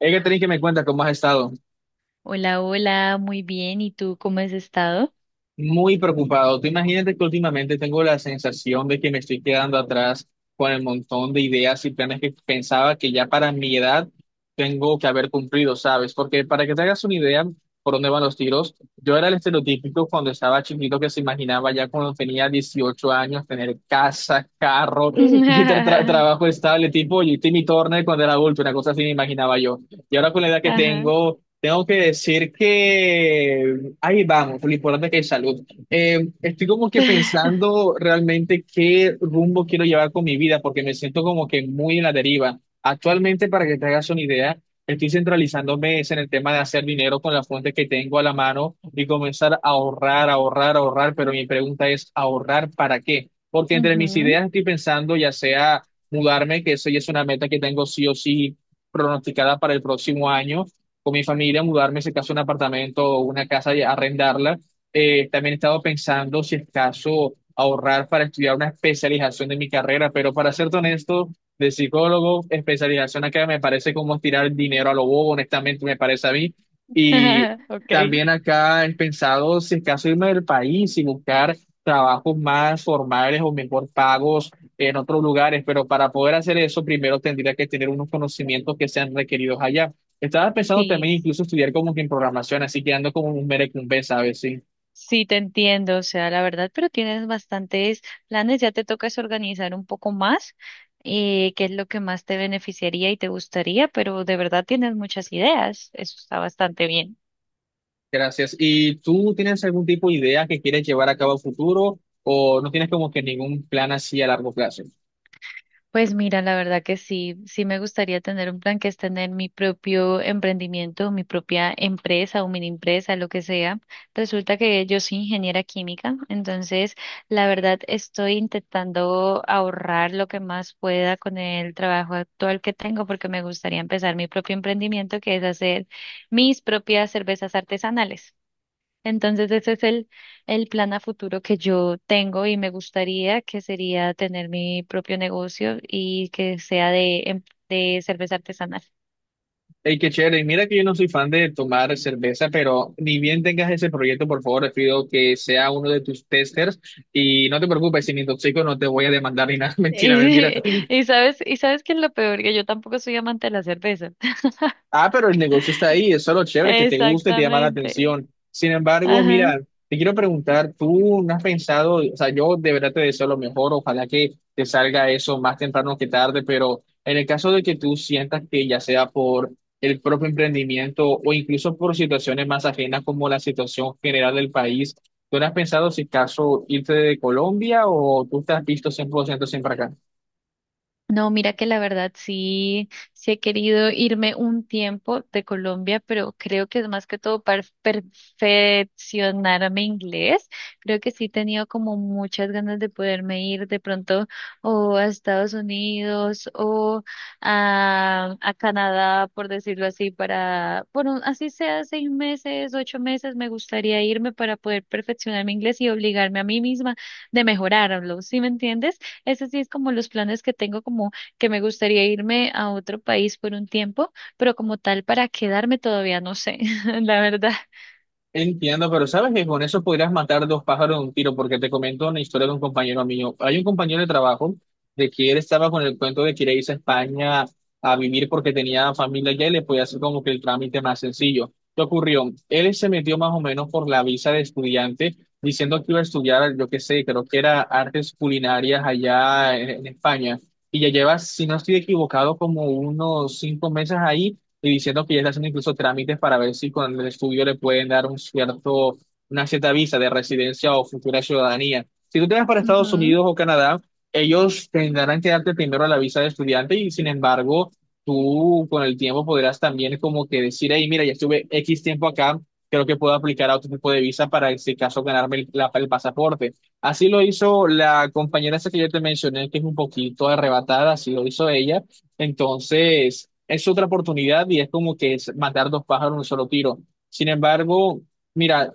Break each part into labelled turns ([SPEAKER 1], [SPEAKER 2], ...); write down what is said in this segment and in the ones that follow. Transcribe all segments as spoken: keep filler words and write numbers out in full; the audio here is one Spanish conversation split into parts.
[SPEAKER 1] Hay que tener que me cuenta cómo has estado.
[SPEAKER 2] Hola, hola, muy bien. ¿Y tú cómo has estado?
[SPEAKER 1] Muy preocupado. Tú imagínate que últimamente tengo la sensación de que me estoy quedando atrás con el montón de ideas y planes que pensaba que ya para mi edad tengo que haber cumplido, ¿sabes? Porque para que te hagas una idea por dónde van los tiros, yo era el estereotípico cuando estaba chiquito que se imaginaba ya cuando tenía dieciocho años tener casa, carro y tra- tra- trabajo estable, tipo y Timmy Turner cuando era adulto, una cosa así me imaginaba yo. Y ahora con la edad que
[SPEAKER 2] Ajá.
[SPEAKER 1] tengo. Tengo que decir que ahí vamos, lo importante es que hay salud. Eh, estoy como que pensando realmente qué rumbo quiero llevar con mi vida, porque me siento como que muy en la deriva. Actualmente, para que te hagas una idea, estoy centralizándome es en el tema de hacer dinero con las fuentes que tengo a la mano y comenzar a ahorrar, ahorrar, ahorrar, pero mi pregunta es, ¿ahorrar para qué? Porque entre mis
[SPEAKER 2] Ujú.
[SPEAKER 1] ideas estoy pensando ya sea mudarme, que eso ya es una meta que tengo sí o sí pronosticada para el próximo año con mi familia, mudarme, si acaso, a un apartamento o una casa y arrendarla. Eh, también he estado pensando, si es caso, ahorrar para estudiar una especialización de mi carrera, pero para ser honesto, de psicólogo, especialización acá me parece como tirar dinero a lo bobo, honestamente, me parece a mí. Y
[SPEAKER 2] Okay.
[SPEAKER 1] también acá he pensado, si es caso, irme del país y buscar trabajos más formales o mejor pagos en otros lugares, pero para poder hacer eso, primero tendría que tener unos conocimientos que sean requeridos allá. Estaba pensando
[SPEAKER 2] Sí,
[SPEAKER 1] también incluso estudiar como que en programación, así que ando como un merecumbe, ¿sabes? Sí,
[SPEAKER 2] sí, te entiendo, o sea, la verdad, pero tienes bastantes planes, ya te toca es organizar un poco más, eh, qué es lo que más te beneficiaría y te gustaría, pero de verdad tienes muchas ideas, eso está bastante bien.
[SPEAKER 1] gracias. ¿Y tú tienes algún tipo de idea que quieres llevar a cabo a futuro o no tienes como que ningún plan así a largo plazo?
[SPEAKER 2] Pues mira, la verdad que sí, sí me gustaría tener un plan que es tener mi propio emprendimiento, mi propia empresa o mini empresa, lo que sea. Resulta que yo soy ingeniera química, entonces la verdad estoy intentando ahorrar lo que más pueda con el trabajo actual que tengo porque me gustaría empezar mi propio emprendimiento que es hacer mis propias cervezas artesanales. Entonces ese es el, el plan a futuro que yo tengo y me gustaría que sería tener mi propio negocio y que sea de, em- de cerveza artesanal.
[SPEAKER 1] Hey, qué chévere. Mira que yo no soy fan de tomar cerveza, pero ni bien tengas ese proyecto, por favor, te pido que sea uno de tus testers y no te preocupes, si me intoxico no te voy a demandar ni nada. Mentira, mentira.
[SPEAKER 2] Y, y sabes, y sabes que es lo peor, que yo tampoco soy amante de la cerveza.
[SPEAKER 1] Ah, pero el negocio está ahí, eso es lo chévere, que te guste, te llama la
[SPEAKER 2] Exactamente.
[SPEAKER 1] atención. Sin embargo,
[SPEAKER 2] Ajá.
[SPEAKER 1] mira, te quiero preguntar, ¿tú no has pensado, o sea, yo de verdad te deseo lo mejor, ojalá que te salga eso más temprano que tarde, pero en el caso de que tú sientas que ya sea por el propio emprendimiento o incluso por situaciones más ajenas como la situación general del país, ¿tú no has pensado si caso irte de Colombia o tú te has visto cien por ciento siempre acá?
[SPEAKER 2] No, mira que la verdad sí, sí he querido irme un tiempo de Colombia, pero creo que es más que todo para perfeccionar mi inglés. Creo que sí he tenido como muchas ganas de poderme ir de pronto o a Estados Unidos o a, a, Canadá, por decirlo así, para, bueno, así sea seis meses, ocho meses, me gustaría irme para poder perfeccionar mi inglés y obligarme a mí misma de mejorarlo, ¿sí me entiendes? Eso sí es como los planes que tengo, como que me gustaría irme a otro país por un tiempo, pero como tal para quedarme todavía no sé, la verdad.
[SPEAKER 1] Entiendo, pero sabes que con eso podrías matar dos pájaros de un tiro, porque te comento una historia de un compañero mío. Hay un compañero de trabajo de que él estaba con el cuento de que irse a España a vivir porque tenía familia allá y le podía hacer como que el trámite más sencillo. ¿Qué ocurrió? Él se metió más o menos por la visa de estudiante, diciendo que iba a estudiar, yo qué sé, creo que era artes culinarias allá en, en España. Y ya lleva, si no estoy equivocado, como unos cinco meses ahí y diciendo que ya está haciendo incluso trámites para ver si con el estudio le pueden dar un cierto, una cierta visa de residencia o futura ciudadanía. Si tú te vas para Estados
[SPEAKER 2] Ujú,
[SPEAKER 1] Unidos o Canadá, ellos tendrán que darte primero la visa de estudiante y sin embargo, tú con el tiempo podrás también como que decir, hey, mira, ya estuve X tiempo acá, creo que puedo aplicar a otro tipo de visa para, en este caso, ganarme el, la- el pasaporte. Así lo hizo la compañera esa que yo te mencioné, que es un poquito arrebatada, así lo hizo ella entonces, es otra oportunidad y es como que es matar dos pájaros en un solo tiro. Sin embargo, mira,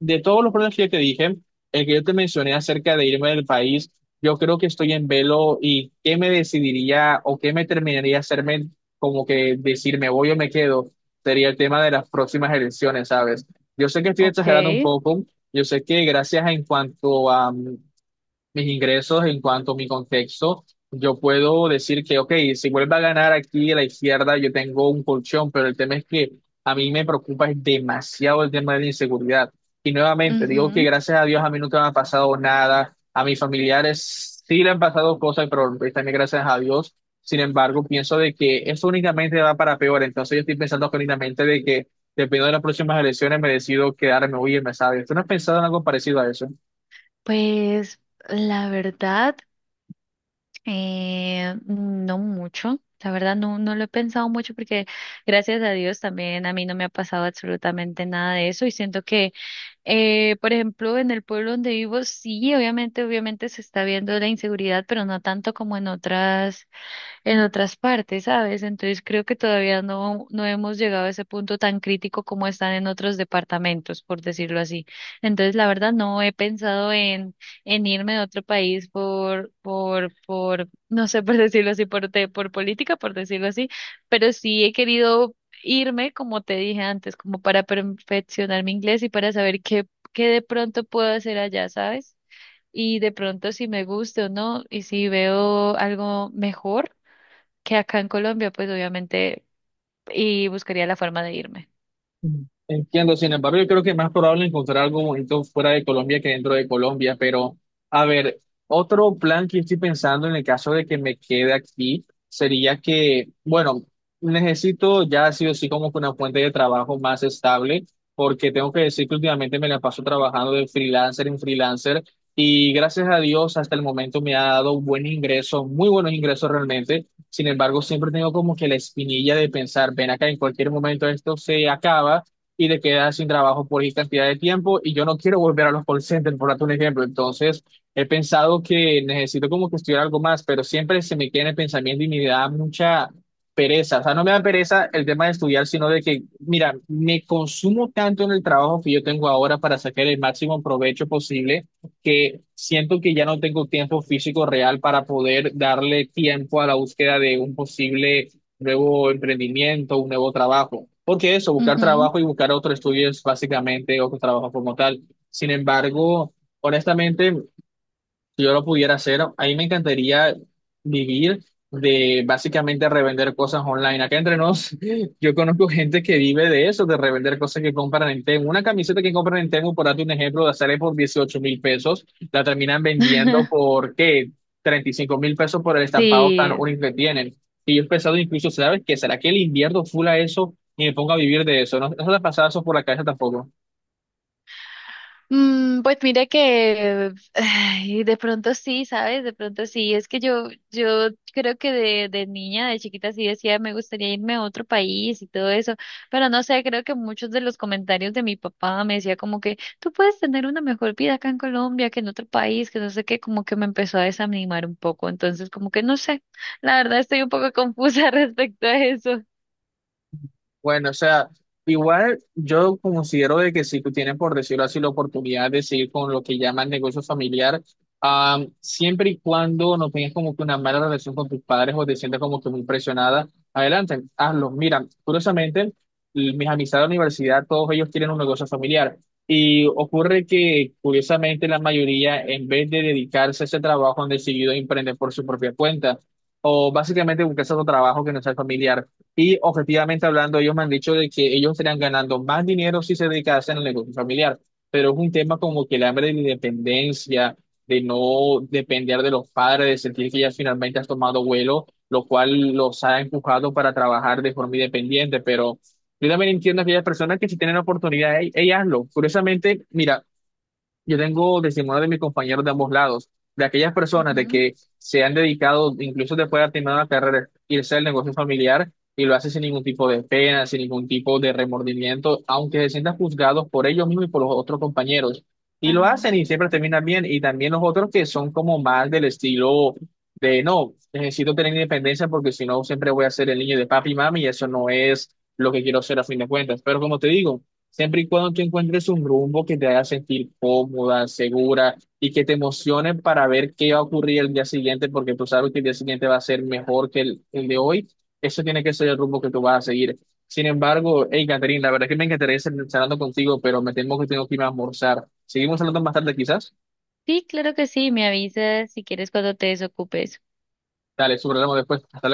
[SPEAKER 1] de todos los problemas que yo te dije, el que yo te mencioné acerca de irme del país, yo creo que estoy en velo y qué me decidiría o qué me terminaría hacerme como que decir me voy o me quedo, sería el tema de las próximas elecciones, ¿sabes? Yo sé que estoy exagerando un
[SPEAKER 2] ok.
[SPEAKER 1] poco, yo sé que gracias a en cuanto a mm, mis ingresos en cuanto a mi contexto, yo puedo decir que, ok, si vuelve a ganar aquí a la izquierda, yo tengo un colchón, pero el tema es que a mí me preocupa es demasiado el tema de la inseguridad. Y nuevamente, digo que
[SPEAKER 2] Ujú.
[SPEAKER 1] gracias a Dios a mí nunca me ha pasado nada, a mis familiares sí le han pasado cosas, pero pues también gracias a Dios. Sin embargo, pienso de que eso únicamente va para peor, entonces yo estoy pensando que únicamente de que dependiendo de las próximas elecciones me decido quedarme, oye, me sabes, ¿tú no has pensado en algo parecido a eso?
[SPEAKER 2] Pues la verdad, eh, no mucho. La verdad, no, no lo he pensado mucho porque gracias a Dios también a mí no me ha pasado absolutamente nada de eso y siento que, eh, por ejemplo, en el pueblo donde vivo, sí, obviamente, obviamente se está viendo la inseguridad, pero no tanto como en otras en otras partes, ¿sabes? Entonces creo que todavía no, no hemos llegado a ese punto tan crítico como están en otros departamentos, por decirlo así. Entonces, la verdad, no he pensado en, en, irme a otro país por, por, por, no sé, por decirlo así, por, te- por política, por decirlo así, pero sí he querido irme, como te dije antes, como para perfeccionar mi inglés y para saber qué, qué de pronto puedo hacer allá, ¿sabes? Y de pronto si me gusta o no, y si veo algo mejor que acá en Colombia, pues obviamente, y buscaría la forma de irme.
[SPEAKER 1] Mm. Entiendo, sin embargo, yo creo que es más probable encontrar algo bonito fuera de Colombia que dentro de Colombia, pero a ver, otro plan que estoy pensando en el caso de que me quede aquí sería que, bueno, necesito ya sí o sí como que una fuente de trabajo más estable, porque tengo que decir que últimamente me la paso trabajando de freelancer en freelancer y gracias a Dios hasta el momento me ha dado un buen ingreso, muy buenos ingresos realmente. Sin embargo, siempre tengo como que la espinilla de pensar, ven acá, en cualquier momento esto se acaba y te quedas sin trabajo por X cantidad de tiempo y yo no quiero volver a los call centers, por darte un ejemplo. Entonces, he pensado que necesito como que estudiar algo más, pero siempre se me queda en el pensamiento y me da mucha pereza. O sea, no me da pereza el tema de estudiar, sino de que, mira, me consumo tanto en el trabajo que yo tengo ahora para sacar el máximo provecho posible que siento que ya no tengo tiempo físico real para poder darle tiempo a la búsqueda de un posible nuevo emprendimiento, un nuevo trabajo. Porque eso, buscar
[SPEAKER 2] Ujú.
[SPEAKER 1] trabajo y buscar otro estudio es básicamente otro trabajo como tal. Sin embargo, honestamente, si yo lo pudiera hacer, a mí me encantaría vivir de básicamente revender cosas online. Acá entre nos, yo conozco gente que vive de eso, de revender cosas que compran en Temu. Una camiseta que compran en Temu, por darte un ejemplo, la sale por dieciocho mil pesos, la terminan vendiendo por, ¿qué? treinta y cinco mil pesos por el estampado tan
[SPEAKER 2] Sí,
[SPEAKER 1] único que tienen. Y yo he pensado incluso, ¿sabes qué? ¿Será que le invierno full a eso y me pongo a vivir de eso? No, no se te ha pasado eso por la cabeza tampoco.
[SPEAKER 2] Mm, pues mire que ay, de pronto sí, ¿sabes? De pronto sí. Es que yo, yo creo que de, de niña, de chiquita sí decía me gustaría irme a otro país y todo eso. Pero no sé, creo que muchos de los comentarios de mi papá me decía como que tú puedes tener una mejor vida acá en Colombia que en otro país, que no sé qué, como que me empezó a desanimar un poco. Entonces, como que no sé. La verdad estoy un poco confusa respecto a eso.
[SPEAKER 1] Bueno, o sea, igual yo considero de que si tú tienes, por decirlo así, la oportunidad de seguir con lo que llaman negocio familiar, am, siempre y cuando no tengas como que una mala relación con tus padres o te sientas como que muy presionada, adelante, hazlo. Mira, curiosamente, l- mis amistades de la universidad, todos ellos tienen un negocio familiar. Y ocurre que, curiosamente, la mayoría, en vez de dedicarse a ese trabajo, han decidido emprender por su propia cuenta o básicamente buscar otro trabajo que no sea familiar. Y objetivamente hablando, ellos me han dicho de que ellos estarían ganando más dinero si se dedicasen al negocio familiar, pero es un tema como que el hambre de la independencia, de no depender de los padres, de sentir que ya finalmente has tomado vuelo, lo cual los ha empujado para trabajar de forma independiente, pero yo también entiendo a aquellas personas que si tienen la oportunidad, ey, ey, hazlo. Curiosamente, mira, yo tengo testimonio de mis compañeros de ambos lados, de aquellas personas de
[SPEAKER 2] Ujú,
[SPEAKER 1] que se han dedicado, incluso después de terminar la carrera, irse al negocio familiar y lo hacen sin ningún tipo de pena, sin ningún tipo de remordimiento, aunque se sientan juzgados por ellos mismos y por los otros compañeros. Y lo
[SPEAKER 2] ajá.
[SPEAKER 1] hacen y siempre terminan bien. Y también los otros que son como más del estilo de, no, necesito tener independencia porque si no siempre voy a ser el niño de papi y mami y eso no es lo que quiero ser a fin de cuentas. Pero como te digo. Siempre y cuando tú encuentres un rumbo que te haga sentir cómoda, segura y que te emocione para ver qué va a ocurrir el día siguiente, porque tú sabes que el día siguiente va a ser mejor que el, el de hoy, eso tiene que ser el rumbo que tú vas a seguir. Sin embargo, hey, Catherine, la verdad es que me encantaría seguir charlando contigo, pero me temo que tengo que irme a almorzar. Seguimos hablando más tarde, quizás.
[SPEAKER 2] Sí, claro que sí. Me avisas si quieres cuando te desocupes.
[SPEAKER 1] Dale, sobre después. Hasta luego.